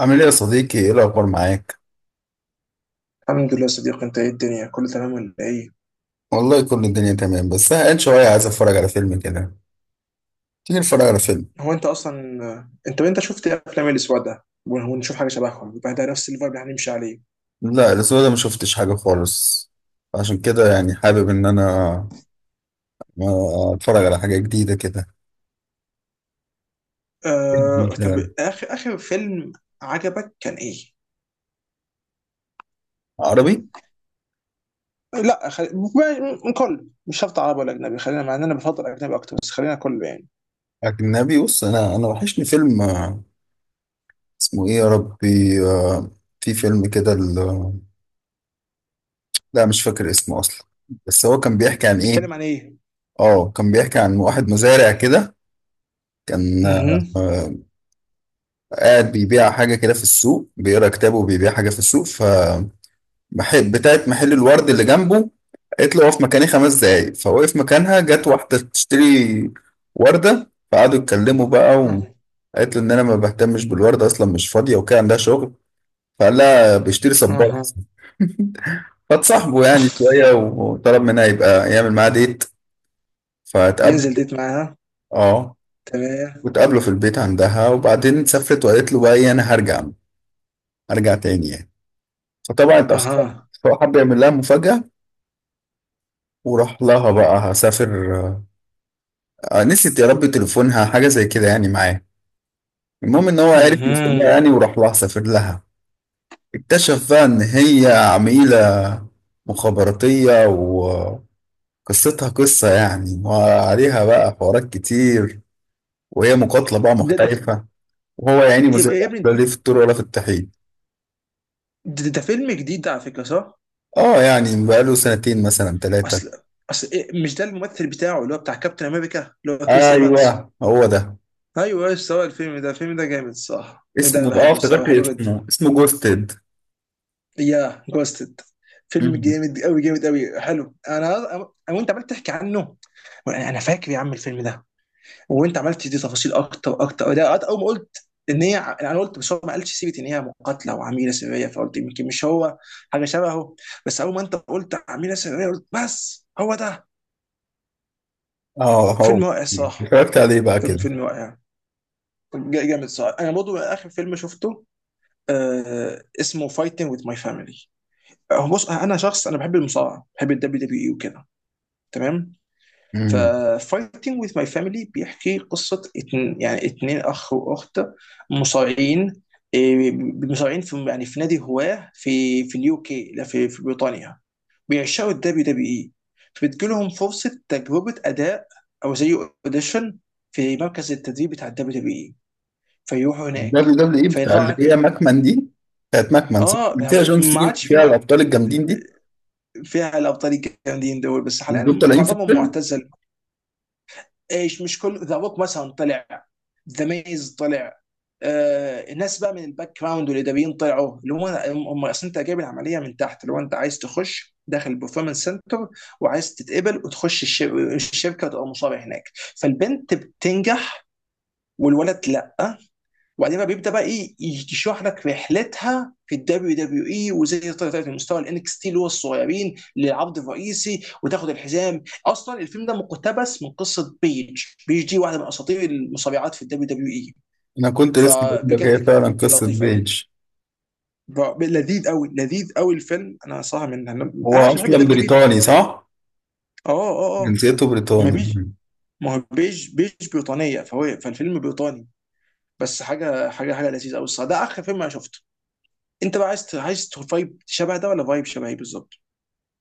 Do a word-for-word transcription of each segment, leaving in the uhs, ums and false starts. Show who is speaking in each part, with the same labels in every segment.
Speaker 1: عامل ايه يا صديقي؟ ايه الاخبار معاك؟
Speaker 2: الحمد لله يا صديقي، انت ايه؟ الدنيا كله تمام ولا ايه؟
Speaker 1: والله، كل الدنيا تمام، بس زهقان شويه، عايز اتفرج على فيلم كده. تيجي نتفرج على فيلم؟
Speaker 2: هو انت اصلا. انت انت شفت ايه افلام الاسبوع ده؟ ون- ونشوف حاجه شبههم يبقى ده نفس الفايب اللي هنمشي عليه.
Speaker 1: لا، الاسبوع ده ما شفتش حاجه خالص. عشان كده يعني حابب ان انا آه، اتفرج على حاجه جديده كده. فيلم
Speaker 2: آه... طب
Speaker 1: مثلا
Speaker 2: اخر اخر فيلم عجبك كان ايه؟
Speaker 1: عربي،
Speaker 2: لا، خل... م- م- كله مش شرط عربي ولا اجنبي، خلينا، مع ان انا بفضل اجنبي اكتر، بس خلينا كله يعني.
Speaker 1: اجنبي. بص، انا انا وحشني فيلم. آه، اسمه ايه يا ربي؟ آه، في فيلم كده ال- لا، مش فاكر اسمه اصلا. بس هو كان بيحكي عن ايه؟
Speaker 2: بيتكلم عن ايه؟
Speaker 1: اه كان بيحكي عن واحد مزارع كده. كان
Speaker 2: اها.
Speaker 1: آه، قاعد بيبيع حاجة كده في السوق، بيقرا كتابه وبيبيع حاجة في السوق، فمحل بتاعة محل الورد اللي جنبه قالت له اقف مكاني خمس دقايق. فوقف مكانها. جت واحدة تشتري وردة، فقعدوا يتكلموا بقى،
Speaker 2: اها.
Speaker 1: وقالت له إن أنا ما بهتمش بالوردة أصلا، مش فاضية وكده، عندها شغل. فقال لها بيشتري صباح.
Speaker 2: اها.
Speaker 1: فاتصاحبوا يعني شوية، وطلب منها يبقى يعمل معاها ديت، فتقابلوا.
Speaker 2: ينزل ديت معاها؟
Speaker 1: اه،
Speaker 2: تمام.
Speaker 1: وتقابلوا في البيت عندها، وبعدين سافرت وقالت له بقى إيه، أنا هرجع، هرجع تاني يعني. فطبعا اتأخرت.
Speaker 2: اها.
Speaker 1: فهو حب يعمل لها مفاجأة وراح لها. بقى هسافر، آه، نسيت يا ربي تليفونها حاجة زي كده يعني معاه. المهم ان هو عرف
Speaker 2: اها.
Speaker 1: يوصلها يعني، وراح لها، سافر لها. اكتشف بقى ان هي عميلة مخابراتية، وقصتها قصة يعني، وعليها بقى حوارات كتير، وهي مقاتلة بقى
Speaker 2: ده ده
Speaker 1: محترفة، وهو يعني
Speaker 2: يا
Speaker 1: مزارع،
Speaker 2: يا
Speaker 1: لا
Speaker 2: ابني،
Speaker 1: ليه في الطور ولا في الطحين.
Speaker 2: ده, ده فيلم جديد ده على فكره صح؟
Speaker 1: اه يعني بقاله سنتين مثلا ثلاثة.
Speaker 2: اصل، اصل إيه، مش ده الممثل بتاعه اللي هو بتاع كابتن امريكا اللي هو كريس ايفانس؟
Speaker 1: ايوه، هو ده.
Speaker 2: ايوه، ايش سوى الفيلم ده الفيلم ده جامد صح؟ الفيلم ده انا
Speaker 1: اسمه، اه
Speaker 2: بحبه الصراحه،
Speaker 1: افتكرت
Speaker 2: بحبه جدا.
Speaker 1: اسمه اسمه جوستد.
Speaker 2: يا جوستد، فيلم
Speaker 1: مم.
Speaker 2: جامد قوي، جامد قوي، حلو. انا أنا- وانت عمال تحكي عنه، انا أنا فاكر يا عم الفيلم ده. وانت عمال تدي تفاصيل اكتر اكتر ده. اول ما قلت ان هي، انا قلت بس هو ما قالش سيره ان هي مقاتله وعميله سريه، فقلت يمكن مش هو، حاجه شبهه. بس اول ما انت قلت عميله سريه، قلت بس هو ده.
Speaker 1: اه، هو.
Speaker 2: فيلم رائع الصراحه.
Speaker 1: اتفرجت عليه بقى
Speaker 2: فيلم
Speaker 1: كده؟
Speaker 2: فيلم رائع. جا- جامد صح. انا برضو اخر فيلم شفته، آه اسمه فايتنج وذ ماي فاميلي. بص، انا شخص انا بحب المصارعه، بحب الدبليو دبليو اي وكده تمام.
Speaker 1: مم.
Speaker 2: ففايتنج وذ ماي فاميلي بيحكي قصه اتن يعني اتنين اخ واخت مصارعين، آه، مصارعين في، يعني في نادي هواه في، في اليو كي، لا، في في بريطانيا، بيعشقوا الدبليو دبليو اي. فبتجيلهم فرصه تجربه اداء، او زي اوديشن في مركز التدريب بتاع الدبليو دبليو. فيروحوا
Speaker 1: دبليو
Speaker 2: هناك.
Speaker 1: دبليو اي بتاع
Speaker 2: فطبعا
Speaker 1: اللي
Speaker 2: هناك
Speaker 1: هي
Speaker 2: بيبقى.
Speaker 1: ماكمان دي؟ بتاعت ماكمان صح؟
Speaker 2: اه،
Speaker 1: اللي فيها
Speaker 2: ده
Speaker 1: جون
Speaker 2: ما
Speaker 1: سينا،
Speaker 2: عادش في،
Speaker 1: فيها
Speaker 2: مع-
Speaker 1: الابطال الجامدين دي.
Speaker 2: فيها الابطال الجامدين دول، بس
Speaker 1: دول
Speaker 2: حاليا
Speaker 1: طالعين في
Speaker 2: معظمهم
Speaker 1: الفيلم؟
Speaker 2: معتزل. ايش، مش كل، ذا روك مثلا طلع، ذا ميز طلع، آه الناس بقى من الباك جراوند والاداريين طلعوا اللي هم هم اصل انت جايب العمليه من تحت، اللي هو انت عايز تخش داخل البرفورمانس سنتر، وعايز تتقبل وتخش الش- الشركه وتبقى مصاب هناك. فالبنت بتنجح والولد لا. وبعدين بقى بيبدا بقى ايه يشرح لك رحلتها في الدبليو دبليو اي، وازاي هي طلعت لمستوى الانكس تي اللي هو الصغيرين للعرض الرئيسي، وتاخد الحزام. اصلا الفيلم ده مقتبس من قصه بيج. بيج دي واحده من اساطير المصارعات في الدبليو دبليو اي.
Speaker 1: انا كنت لسه بقول لك
Speaker 2: فبجد
Speaker 1: هي فعلا
Speaker 2: كان
Speaker 1: قصه
Speaker 2: لطيف قوي،
Speaker 1: بيج.
Speaker 2: ب- لذيذ قوي، لذيذ قوي الفيلم. انا صراحه، من انا
Speaker 1: هو
Speaker 2: عشان بحب
Speaker 1: اصلا
Speaker 2: الدبليو دبليو اي
Speaker 1: بريطاني
Speaker 2: فبحبه.
Speaker 1: صح؟
Speaker 2: اه. اه. اه.
Speaker 1: جنسيته
Speaker 2: ما
Speaker 1: بريطاني.
Speaker 2: بيج، ما هو بيج، بيج بريطانيه، فهو فالفيلم بريطاني. بس حاجه حاجه حاجه لذيذه قوي الصراحه. ده اخر فيلم انا شفته. انت بقى عايز عايز فايب شبه ده، ولا فايب شبه ايه بالظبط؟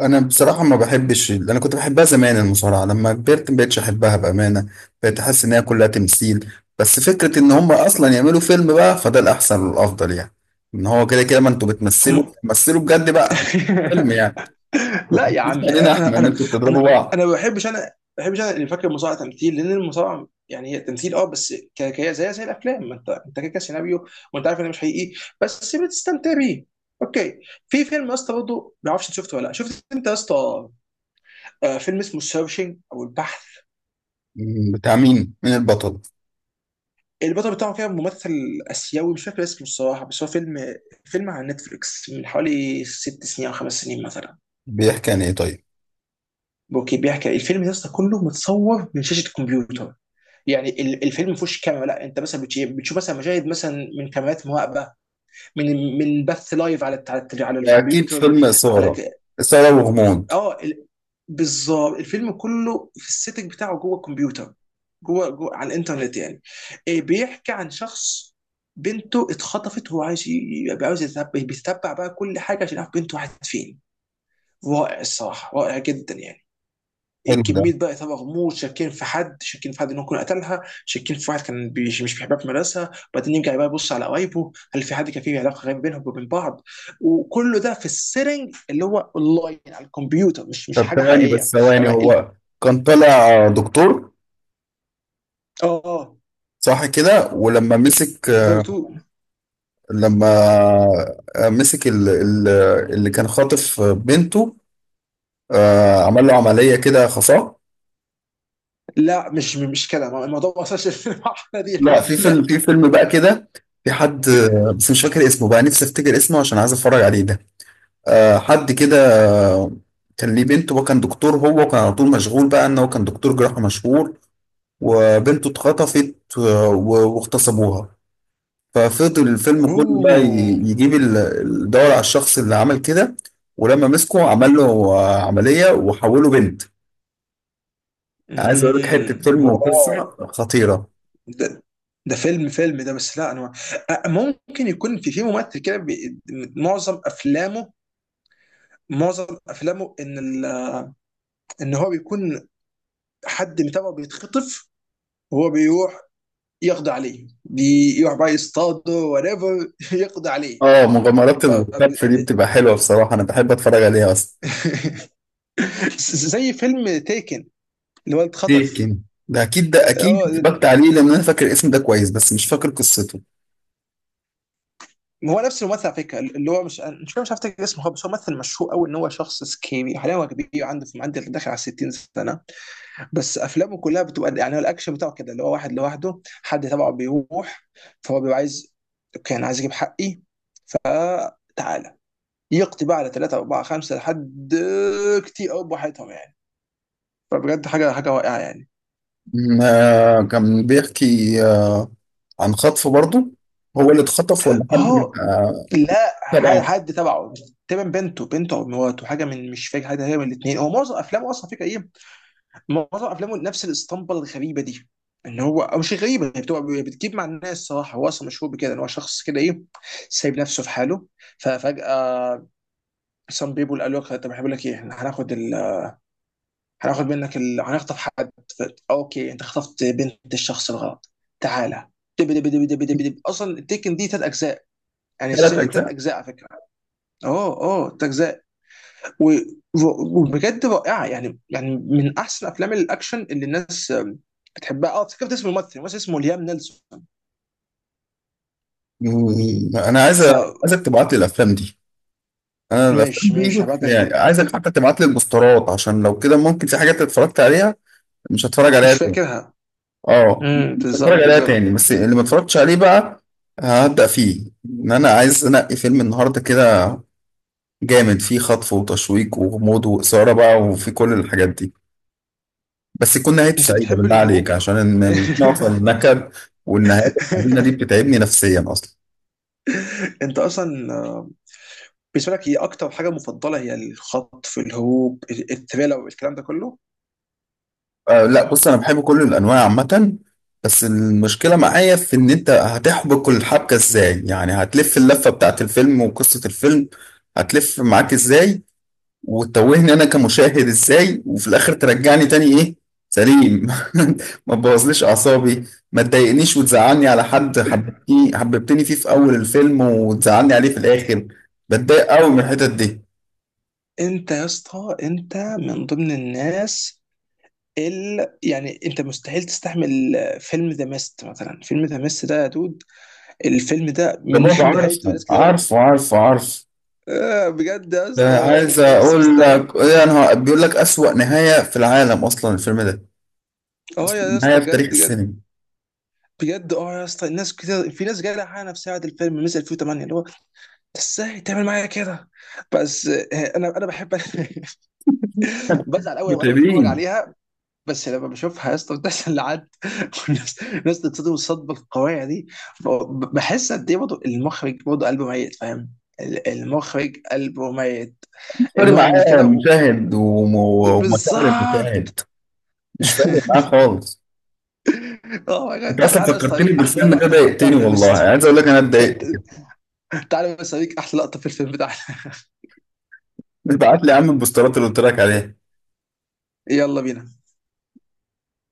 Speaker 1: انا بصراحه ما بحبش، انا كنت بحبها زمان المصارعه، لما كبرت ما بقتش احبها بامانه. بقيت احس ان هي كلها تمثيل. بس فكره ان هم اصلا يعملوا فيلم بقى فده الاحسن والافضل يعني. ان هو كده كده ما انتوا بتمثلوا،
Speaker 2: هم.
Speaker 1: بتمثلوا بجد بقى فيلم يعني. ما
Speaker 2: لا يا
Speaker 1: تحكيش
Speaker 2: عم،
Speaker 1: علينا احنا
Speaker 2: انا
Speaker 1: ان
Speaker 2: انا
Speaker 1: انتوا بتضربوا
Speaker 2: انا
Speaker 1: بعض.
Speaker 2: انا ما بحبش، انا ما بحبش. انا اللي فاكر المصارعه تمثيل، لان المصارعه يعني هي تمثيل اه بس، ك- ك- زي زي الافلام، ما انت انت كده كده سيناريو، وانت عارف انه مش حقيقي، بس بتستمتع بيه. اوكي. في فيلم يا اسطى برضه، ما اعرفش انت شفته ولا لا، شفت انت يا اسطى، آه، فيلم اسمه سيرشنج او البحث؟
Speaker 1: مم، بتاع مين مين البطل؟
Speaker 2: البطل بتاعه كده ممثل اسيوي، مش فاكر اسمه الصراحه، بس هو فيلم فيلم على نتفليكس من حوالي ست سنين او خمس سنين مثلا.
Speaker 1: بيحكي عن ايه طيب؟
Speaker 2: اوكي، بيحكي الفيلم ده أصلاً كله متصور من شاشه الكمبيوتر. يعني ال- الفيلم ما فيهوش كاميرا. لا، انت مثلا بتشي- بتشوف مثلا مشاهد مثلا من كاميرات مراقبه، من من بث لايف على الت- على الت- على
Speaker 1: اكيد
Speaker 2: الكمبيوتر،
Speaker 1: فيلم
Speaker 2: على
Speaker 1: اثاره.
Speaker 2: ك...
Speaker 1: اثاره وغموض.
Speaker 2: اه ال- بالظبط الفيلم كله في السيتنج بتاعه جوه الكمبيوتر. جوه جوه على الانترنت يعني. إيه، بيحكي عن شخص بنته اتخطفت، وهو عايز ي- عاوز يتبع، بيتبع بقى كل حاجه عشان يعرف بنته راحت فين. رائع الصراحه، رائع جدا يعني.
Speaker 1: حلو ده.
Speaker 2: كميه بقى اثاره غموض، شاكين في حد، شاكين في حد انه يكون قتلها، شاكين في واحد كان بيش مش بيحبها في مدرسه، وبعدين يرجع بقى يبص على قرايبه، هل في حد كان فيه علاقه غريبه بينهم وبين بعض؟ وكله ده في السيتنج اللي هو اونلاين على الكمبيوتر، مش مش
Speaker 1: طب
Speaker 2: حاجه
Speaker 1: ثواني،
Speaker 2: حقيقيه.
Speaker 1: بس ثواني،
Speaker 2: يعني ال...
Speaker 1: هو كان طالع دكتور
Speaker 2: اه.
Speaker 1: صح كده؟ ولما مسك،
Speaker 2: فاير تو.
Speaker 1: لما آه، مسك ال- ال- اللي كان خاطف بنته، آه، عمل له عملية كده خفاء.
Speaker 2: لا، مش مش كده، ما- الموضوع ما وصلش للمرحله دي،
Speaker 1: لا،
Speaker 2: الحمد
Speaker 1: في فيلم
Speaker 2: لله.
Speaker 1: في فيلم بقى كده، في حد آه، بس مش فاكر اسمه بقى، نفسي افتكر اسمه عشان عايز اتفرج عليه ده. آه، حد كده آه، كان ليه بنته، وكان دكتور هو، وكان على طول مشغول بقى ان هو كان دكتور جراحة مشهور. وبنته اتخطفت آه، و- واغتصبوها. ففضل الفيلم كله بقى ي-
Speaker 2: اوه.
Speaker 1: يجيب ال- الدور على الشخص اللي عمل كده. ولما مسكه عمل له آه، عملية وحوله بنت. عايز اقول لك
Speaker 2: امم.
Speaker 1: حتة فيلم
Speaker 2: واو.
Speaker 1: وقصة خطيرة.
Speaker 2: ده ده فيلم فيلم ده، بس لا انا، أ- ممكن يكون في في ممثل كده، بي- معظم افلامه معظم افلامه ان ال... ان هو بيكون حد متابعه بيتخطف، وهو بيروح يقضي عليه، بيروح بقى يصطاده وريفر يقضي عليه.
Speaker 1: اه، مغامرات
Speaker 2: ف...
Speaker 1: الكتف دي بتبقى حلوة بصراحة، انا بحب اتفرج عليها اصلا.
Speaker 2: زي فيلم تيكن، اللي هو اتخطف.
Speaker 1: تيكن، ده اكيد، ده اكيد
Speaker 2: اه،
Speaker 1: اتفرجت عليه، لان انا فاكر الاسم ده كويس، بس مش فاكر قصته.
Speaker 2: هو نفس الممثل على فكره، اللي هو مش، مش مش عارف افتكر اسمه هو، بس هو ممثل مشهور قوي. ان هو شخص سكيبي، حاليا هو كبير، عنده، في عنده داخل على ستين سنه، بس افلامه كلها بتبقى يعني، هو الاكشن بتاعه كده اللي هو واحد لوحده حد تبعه بيروح، فهو بيبقى عايز، اوكي انا عايز اجيب حقي فتعالى، يقضي بقى على ثلاثة أربعة خمسة لحد كتير أوي براحتهم يعني. فبجد حاجة حاجة رائعة يعني.
Speaker 1: م- آه، كان بيحكي آه، عن خطف برضه. هو اللي اتخطف ولا حد
Speaker 2: أهو.
Speaker 1: آه،
Speaker 2: لا، حد
Speaker 1: تبع؟
Speaker 2: حد تبعه. تمام. بنته بنته أو مراته، حاجة من، مش فاكر حد هي من الاتنين. هو معظم أفلامه أصلا فكرة إيه، معظم افلامه نفس الاسطمبه الغريبه دي. ان هو، او مش غريبه، هي بتبقى بتجيب مع الناس صراحه. هو اصلا مشهور بكده ان هو شخص كده ايه، سايب نفسه في حاله. ففجاه سام بيبول قالوا له طب، احنا بقول لك ايه، إحنا هناخد ال... هناخد منك ال... هنخطف حد. ف... اوكي انت خطفت بنت الشخص الغلط، تعالى. دب دب دب دب دب دب. اصلا التيكن دي ثلاث اجزاء، يعني
Speaker 1: ثلاث
Speaker 2: السلسله دي ثلاث
Speaker 1: اجزاء
Speaker 2: اجزاء على فكره. اوه اوه. ثلاث اجزاء. و- و- وبجد رائعه يعني يعني من احسن افلام الاكشن اللي الناس آم، بتحبها. اه، افتكرت اسم الممثل الممثل اسمه ليام نيلسون.
Speaker 1: مم. انا عايز
Speaker 2: ف
Speaker 1: عايزك تبعت لي الافلام دي. انا الافلام
Speaker 2: ماشي ماشي،
Speaker 1: دي
Speaker 2: هبعت لك
Speaker 1: يعني
Speaker 2: الفيلم. طب
Speaker 1: عايزك حتى تبعت لي البوسترات، عشان لو كده ممكن في حاجات اتفرجت عليها مش هتفرج عليها
Speaker 2: مش
Speaker 1: تاني.
Speaker 2: فاكرها.
Speaker 1: اه،
Speaker 2: امم.
Speaker 1: مش هتفرج
Speaker 2: بالظبط
Speaker 1: عليها
Speaker 2: بالظبط.
Speaker 1: تاني، بس اللي ما اتفرجتش عليه بقى هبدأ فيه، ان انا عايز انقي فيلم النهارده كده جامد، فيه خطف وتشويق وغموض واثاره بقى، وفي كل الحاجات دي. بس يكون نهايته
Speaker 2: انت
Speaker 1: سعيده
Speaker 2: بتحب
Speaker 1: بالله عليك،
Speaker 2: الهروب.
Speaker 1: عشان إن- مش نوصل النكد، والنهايات الحزينه دي بتتعبني نفسيا اصلا.
Speaker 2: انت اصلا، آه، بالنسبه لك هي اكتر حاجه مفضله هي الخطف، الهروب، التريلا، والكلام ده كله.
Speaker 1: آه، لا، بص انا بحب كل الانواع عامه. بس المشكله معايا في ان انت هتحبك الحبكه ازاي يعني، هتلف اللفه بتاعت الفيلم وقصه الفيلم هتلف معاك ازاي، وتوهني انا كمشاهد ازاي، وفي الاخر ترجعني تاني ايه؟ سليم. ما تبوظليش اعصابي، ما تضايقنيش وتزعلني على حد حببتني حببتني فيه في اول الفيلم وتزعلني عليه في الاخر. بتضايق قوي من الحتت دي.
Speaker 2: انت يا اسطى انت من ضمن الناس، ال... يعني انت مستحيل تستحمل فيلم ذا ميست مثلا. فيلم ذا ميست ده يا دود، الفيلم ده
Speaker 1: ده
Speaker 2: من
Speaker 1: بابا،
Speaker 2: نهايته
Speaker 1: عارفه،
Speaker 2: ناس كده أوي،
Speaker 1: عارفه، عارفه، عارفه.
Speaker 2: آه بجد يا
Speaker 1: ده
Speaker 2: اسطى
Speaker 1: عايز
Speaker 2: انت، بس
Speaker 1: اقول
Speaker 2: مستحيل.
Speaker 1: لك ايه، انا بيقول لك اسوأ نهاية في العالم اصلا الفيلم ده.
Speaker 2: اه
Speaker 1: اسوأ
Speaker 2: يا
Speaker 1: نهاية
Speaker 2: اسطى
Speaker 1: في تاريخ
Speaker 2: بجد بجد.
Speaker 1: السينما.
Speaker 2: بجد اه يا اسطى الناس كده، في ناس جايه حقها نفسها بعد الفيلم مثل الفين وتمانية اللي هو ازاي تعمل معايا كده. بس آه، انا انا بحب بزعل قوي وانا بتفرج
Speaker 1: متعبين.
Speaker 2: عليها. بس لما بشوفها يا اسطى بتحصل لحد، والناس، الناس تتصدم الصدمه القويه دي، ب- بحس قد ايه برضه المخرج، برضه قلبه ميت فاهم. ال- المخرج قلبه ميت،
Speaker 1: مش فارق
Speaker 2: ان هو يعمل
Speaker 1: معاه
Speaker 2: كده و...
Speaker 1: مشاهد، وم- ومشاعر
Speaker 2: بالظبط.
Speaker 1: المشاهد. مش فارق معاه خالص.
Speaker 2: اه يا جدع،
Speaker 1: انت
Speaker 2: تع-
Speaker 1: اصلا
Speaker 2: تعالى يا اسطى
Speaker 1: فكرتني
Speaker 2: اوريك احلى
Speaker 1: بالفيلم ده،
Speaker 2: لقطه بحبها
Speaker 1: ضايقتني
Speaker 2: في ذا
Speaker 1: والله،
Speaker 2: ميست.
Speaker 1: عايز اقول لك انا اتضايقت.
Speaker 2: تعالى بس اوريك احلى لقطه في الفيلم بتاعنا.
Speaker 1: ابعت لي يا عم البوسترات اللي قلت لك عليها.
Speaker 2: يلا بينا.